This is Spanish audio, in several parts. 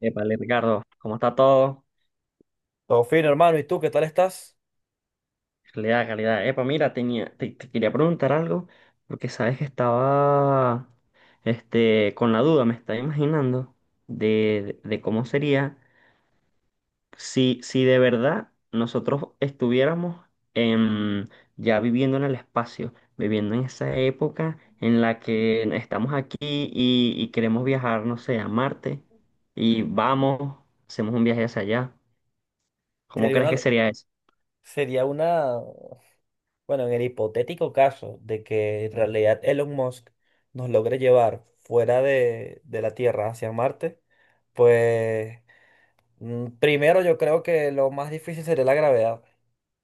Epa, Ricardo, ¿cómo está todo? Todo fino, hermano. ¿Y tú qué tal estás? Calidad, calidad. Epa, mira, tenía, te quería preguntar algo, porque sabes que estaba con la duda, me estaba imaginando cómo sería si de verdad nosotros estuviéramos en, ya viviendo en el espacio, viviendo en esa época en la que estamos aquí y queremos viajar, no sé, a Marte, y vamos, hacemos un viaje hacia allá. ¿Cómo Sería crees que una, sería eso? sería una, bueno, en el hipotético caso de que en realidad Elon Musk nos logre llevar fuera de la Tierra hacia Marte, pues primero yo creo que lo más difícil sería la gravedad.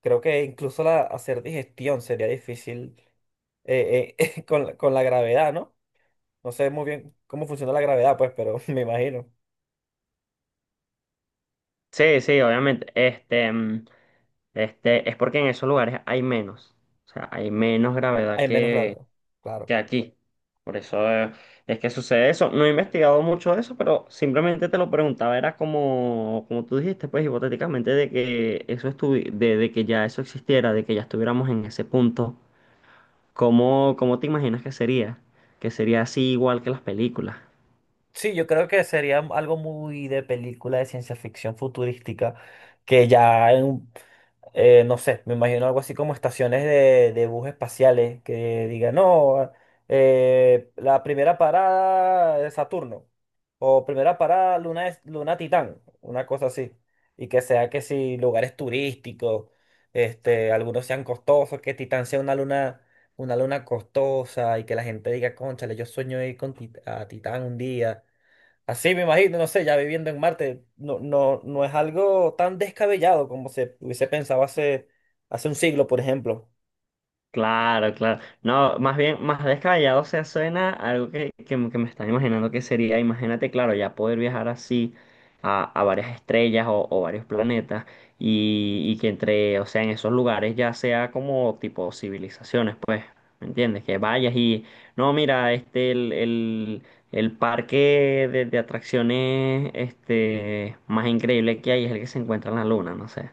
Creo que incluso hacer digestión sería difícil con la gravedad, ¿no? No sé muy bien cómo funciona la gravedad, pues, pero me imagino. Sí, sí, obviamente. Es porque en esos lugares hay menos. O sea, hay menos gravedad Hay menos gravedad, claro. que aquí. Por eso es que sucede eso. No he investigado mucho de eso, pero simplemente te lo preguntaba. Era como, como tú dijiste, pues hipotéticamente, de que eso estuvi- de que ya eso existiera, de que ya estuviéramos en ese punto. ¿Cómo, cómo te imaginas que sería? Que sería así igual que las películas. Sí, yo creo que sería algo muy de película de ciencia ficción futurística, que ya en, no sé, me imagino algo así como estaciones de bus espaciales que digan, no, la primera parada de Saturno, o primera parada Luna, Luna Titán, una cosa así, y que sea que si lugares turísticos, este, algunos sean costosos, que Titán sea una luna costosa y que la gente diga, cónchale, yo sueño ir a Titán un día. Así me imagino, no sé, ya viviendo en Marte, no, no, no es algo tan descabellado como se hubiese pensado hace un siglo, por ejemplo. Claro, claro. No, más bien, más descabellado, o sea, suena algo que me estaba imaginando que sería, imagínate, claro, ya poder viajar así a varias estrellas o varios planetas y que entre, o sea, en esos lugares ya sea como tipo civilizaciones, pues, ¿me entiendes? Que vayas y, no, mira, el parque de atracciones, este, más increíble que hay es el que se encuentra en la luna, no sé.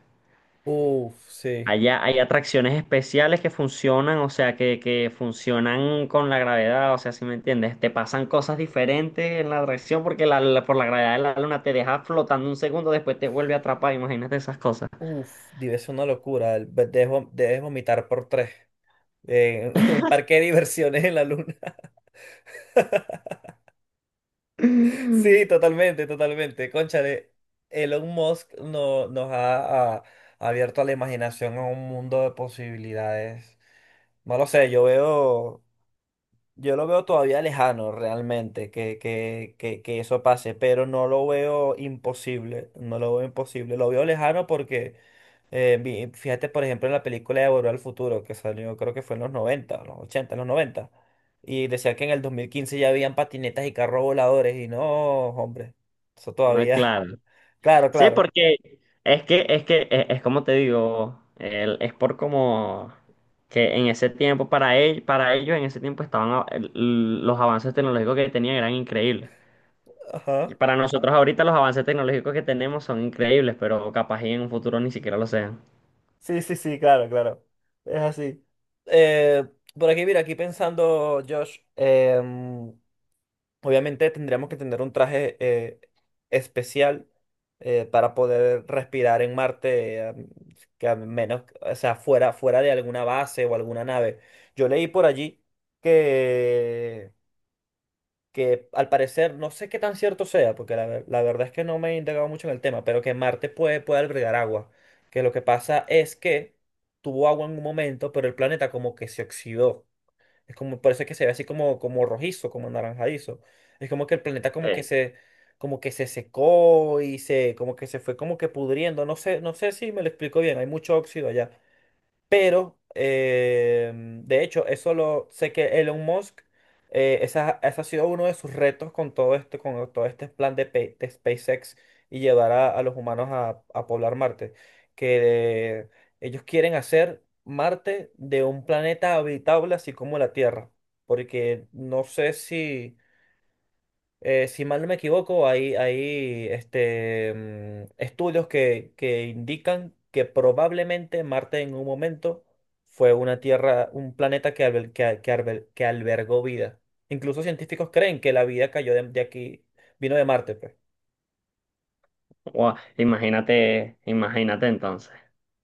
Uf, sí. Allá hay atracciones especiales que funcionan, o sea, que funcionan con la gravedad, o sea, ¿si me entiendes? Te pasan cosas diferentes en la atracción porque por la gravedad de la luna te deja flotando un segundo, después te vuelve a atrapar, imagínate esas cosas. Uf, debe ser una locura. Debes vomitar por tres. Un parque de diversiones en la luna. Sí, totalmente, totalmente. Cónchale, Elon Musk no, nos ha, ha- ha abierto a la imaginación a un mundo de posibilidades. No lo sé, yo veo. Yo lo veo todavía lejano realmente que eso pase, pero no lo veo imposible, no lo veo imposible, lo veo lejano porque fíjate por ejemplo en la película de Volver al Futuro que salió creo que fue en los 90 los 80 los 90 y decía que en el 2015 ya habían patinetas y carros voladores y no, hombre, eso No, todavía, claro. claro, Sí, claro, porque es, como te digo, es por como que en ese tiempo, para él, para ellos en ese tiempo los avances tecnológicos que tenían eran increíbles. Y ajá, para nosotros ahorita los avances tecnológicos que tenemos son increíbles, pero capaz y en un futuro ni siquiera lo sean. sí, sí, sí, claro, claro, es así. Eh, por aquí, mira, aquí pensando, Josh, obviamente tendríamos que tener un traje especial para poder respirar en Marte, que a menos, o sea, fuera de alguna base o alguna nave. Yo leí por allí que, que al parecer, no sé qué tan cierto sea, porque la verdad es que no me he indagado mucho en el tema, pero que Marte puede albergar agua. Que lo que pasa es que tuvo agua en un momento, pero el planeta como que se oxidó. Es como, por eso es que se ve así como, como rojizo, como anaranjadizo. Es como que el planeta Ey, como que se secó y se, como que se fue como que pudriendo. No sé, no sé si me lo explico bien. Hay mucho óxido allá. Pero, de hecho, eso lo sé que Elon Musk, ese ha sido uno de sus retos con todo este plan de SpaceX y llevar a los humanos a poblar Marte. Que ellos quieren hacer Marte de un planeta habitable así como la Tierra. Porque no sé si si mal no me equivoco, hay este, estudios que indican que probablemente Marte en un momento fue una tierra, un planeta que, albel- que, a- que arbel- que albergó vida. Incluso científicos creen que la vida cayó de aquí, vino de Marte, pues. guau, imagínate, imagínate entonces.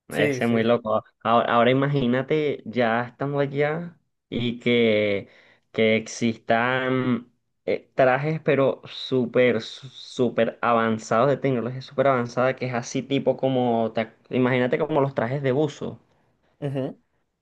Sí, Ese es muy sí. loco. Ahora, ahora imagínate ya estando allá y que existan trajes, pero súper avanzados de tecnología, súper avanzada, que es así tipo como, imagínate como los trajes de buzo. Ujú.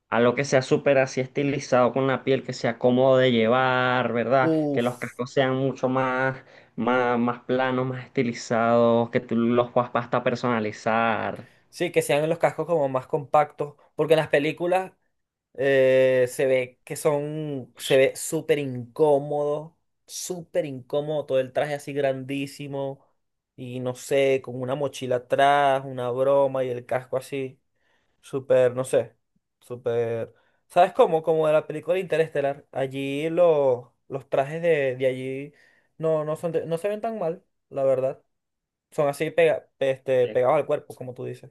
Algo que sea súper así estilizado con la piel, que sea cómodo de llevar, ¿verdad? Que los Uf. cascos sean mucho más, más planos, más estilizados, que tú los puedas hasta personalizar. Sí, que sean los cascos como más compactos, porque en las películas se ve se ve súper incómodo, todo el traje así grandísimo y no sé, con una mochila atrás, una broma y el casco así, súper, no sé, súper. ¿Sabes cómo? Como de la película Interestelar, allí los trajes de allí no se ven tan mal, la verdad. Son así Eh, pegados al cuerpo, como tú dices.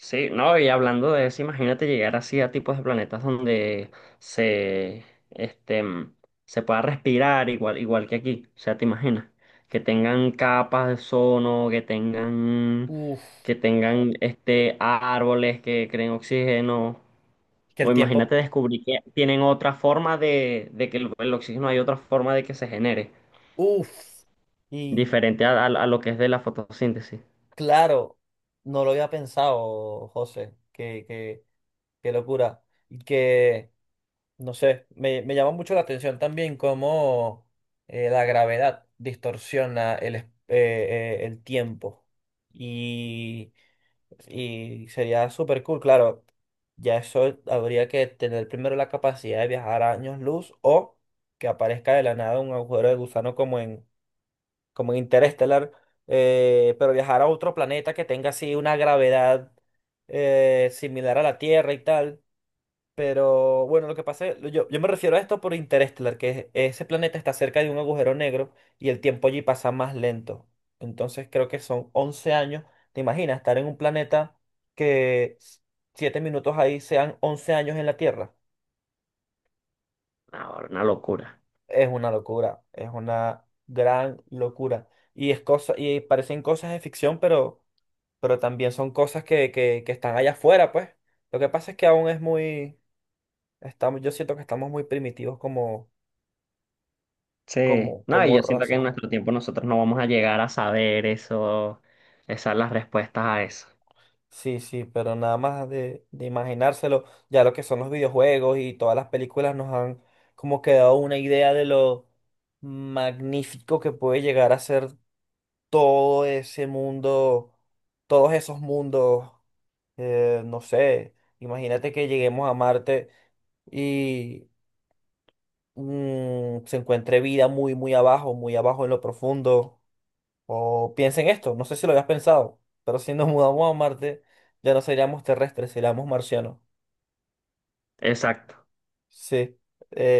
Sí, no, y hablando de eso, imagínate llegar así a tipos de planetas donde se, este, mm, se pueda respirar igual, igual que aquí. O sea, te imaginas, que tengan capas de ozono, Uf, que tengan este, árboles que creen oxígeno. que O el tiempo, imagínate descubrir que tienen otra forma de que el oxígeno hay otra forma de que se genere, uf, y diferente a lo que es de la fotosíntesis. claro, no lo había pensado, José, qué, qué, qué locura. Y que, no sé, me llama mucho la atención también cómo la gravedad distorsiona el tiempo. Y, y sería súper cool, claro, ya eso habría que tener primero la capacidad de viajar a años luz o que aparezca de la nada un agujero de gusano como en Interestelar, pero viajar a otro planeta que tenga así una gravedad similar a la Tierra y tal. Pero bueno, lo que pasa es, yo me refiero a esto por Interestelar, ese planeta está cerca de un agujero negro y el tiempo allí pasa más lento. Entonces creo que son 11 años. ¿Te imaginas estar en un planeta que s- 7 minutos ahí sean 11 años en la Tierra? Ahora, una locura. Es una locura, es una gran locura. Y parecen cosas de ficción, pero también son cosas que están allá afuera, pues. Lo que pasa es que aún yo siento que estamos muy primitivos como, Sí, como, no, y como yo siento que en raza. nuestro tiempo nosotros no vamos a llegar a saber eso, esas las respuestas a eso. Sí, sí, pero nada más de imaginárselo, ya lo que son los videojuegos y todas las películas nos han como que dado una idea de lo magnífico que puede llegar a ser todo ese mundo, todos esos mundos, no sé, imagínate que lleguemos a Marte. Y se encuentre vida muy, muy abajo en lo profundo. O piensen esto, no sé si lo habías pensado, pero si nos mudamos a Marte, ya no seríamos terrestres, seríamos marcianos. Exacto. Sí. eh,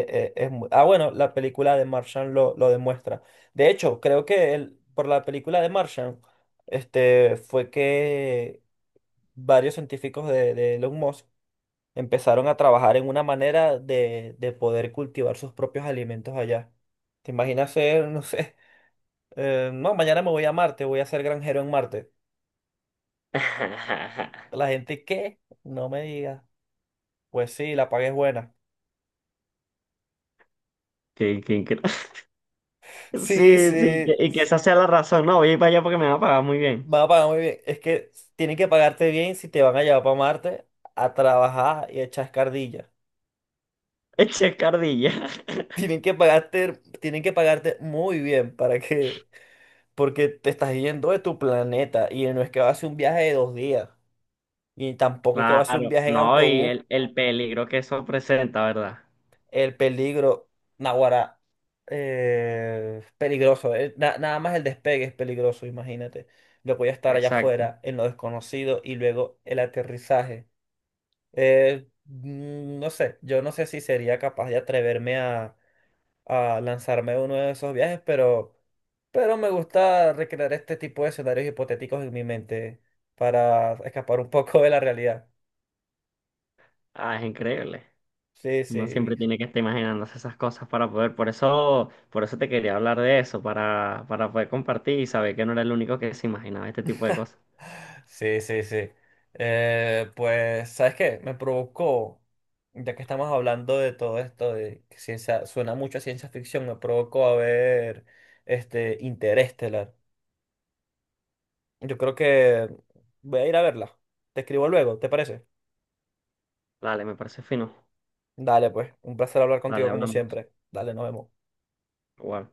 eh, es mu- Ah, bueno, la película de Martian lo demuestra. De hecho, creo que por la película de Martian, este, fue que varios científicos de Elon Musk empezaron a trabajar en una manera de poder cultivar sus propios alimentos allá. ¿Te imaginas ser, no sé, No, mañana me voy a Marte, voy a ser granjero en Marte. La gente, ¿qué? No me digas. Pues sí, la paga es buena. Qué- qué incre- Sí, Sí, sí, sí, y que s- esa sea la razón. No, voy a ir para allá porque me va a pagar muy bien. va a pagar muy bien. Es que tienen que pagarte bien si te van a llevar para Marte a trabajar y a echar escardilla. Eche cardilla. Tienen que pagarte, tienen que pagarte muy bien para que, porque te estás yendo de tu planeta y no es que va a ser un viaje de 2 días y tampoco es que va a ser un Claro, viaje en no, y autobús. El peligro que eso presenta, ¿verdad? El peligro, naguará, peligroso. Nada más el despegue es peligroso, imagínate. Lo voy a estar allá Exacto. afuera, en lo desconocido, y luego el aterrizaje. No sé, yo no sé si sería capaz de atreverme a lanzarme a uno de esos viajes, pero me gusta recrear este tipo de escenarios hipotéticos en mi mente para escapar un poco de la realidad. Ah, es increíble. Sí, Uno sí. siempre tiene que estar imaginándose esas cosas para poder. Por eso te quería hablar de eso, para poder compartir y saber que no era el único que se imaginaba este tipo de cosas. Sí, sí, sí. Pues, ¿sabes qué? Me provocó, ya que estamos hablando de todo esto, de que ciencia, suena mucho a ciencia ficción, me provocó a ver este Interestelar. Yo creo que voy a ir a verla. Te escribo luego, ¿te parece? Dale, me parece fino. Dale, pues, un placer hablar Dale, contigo como hablamos. siempre. Dale, nos vemos. Igual.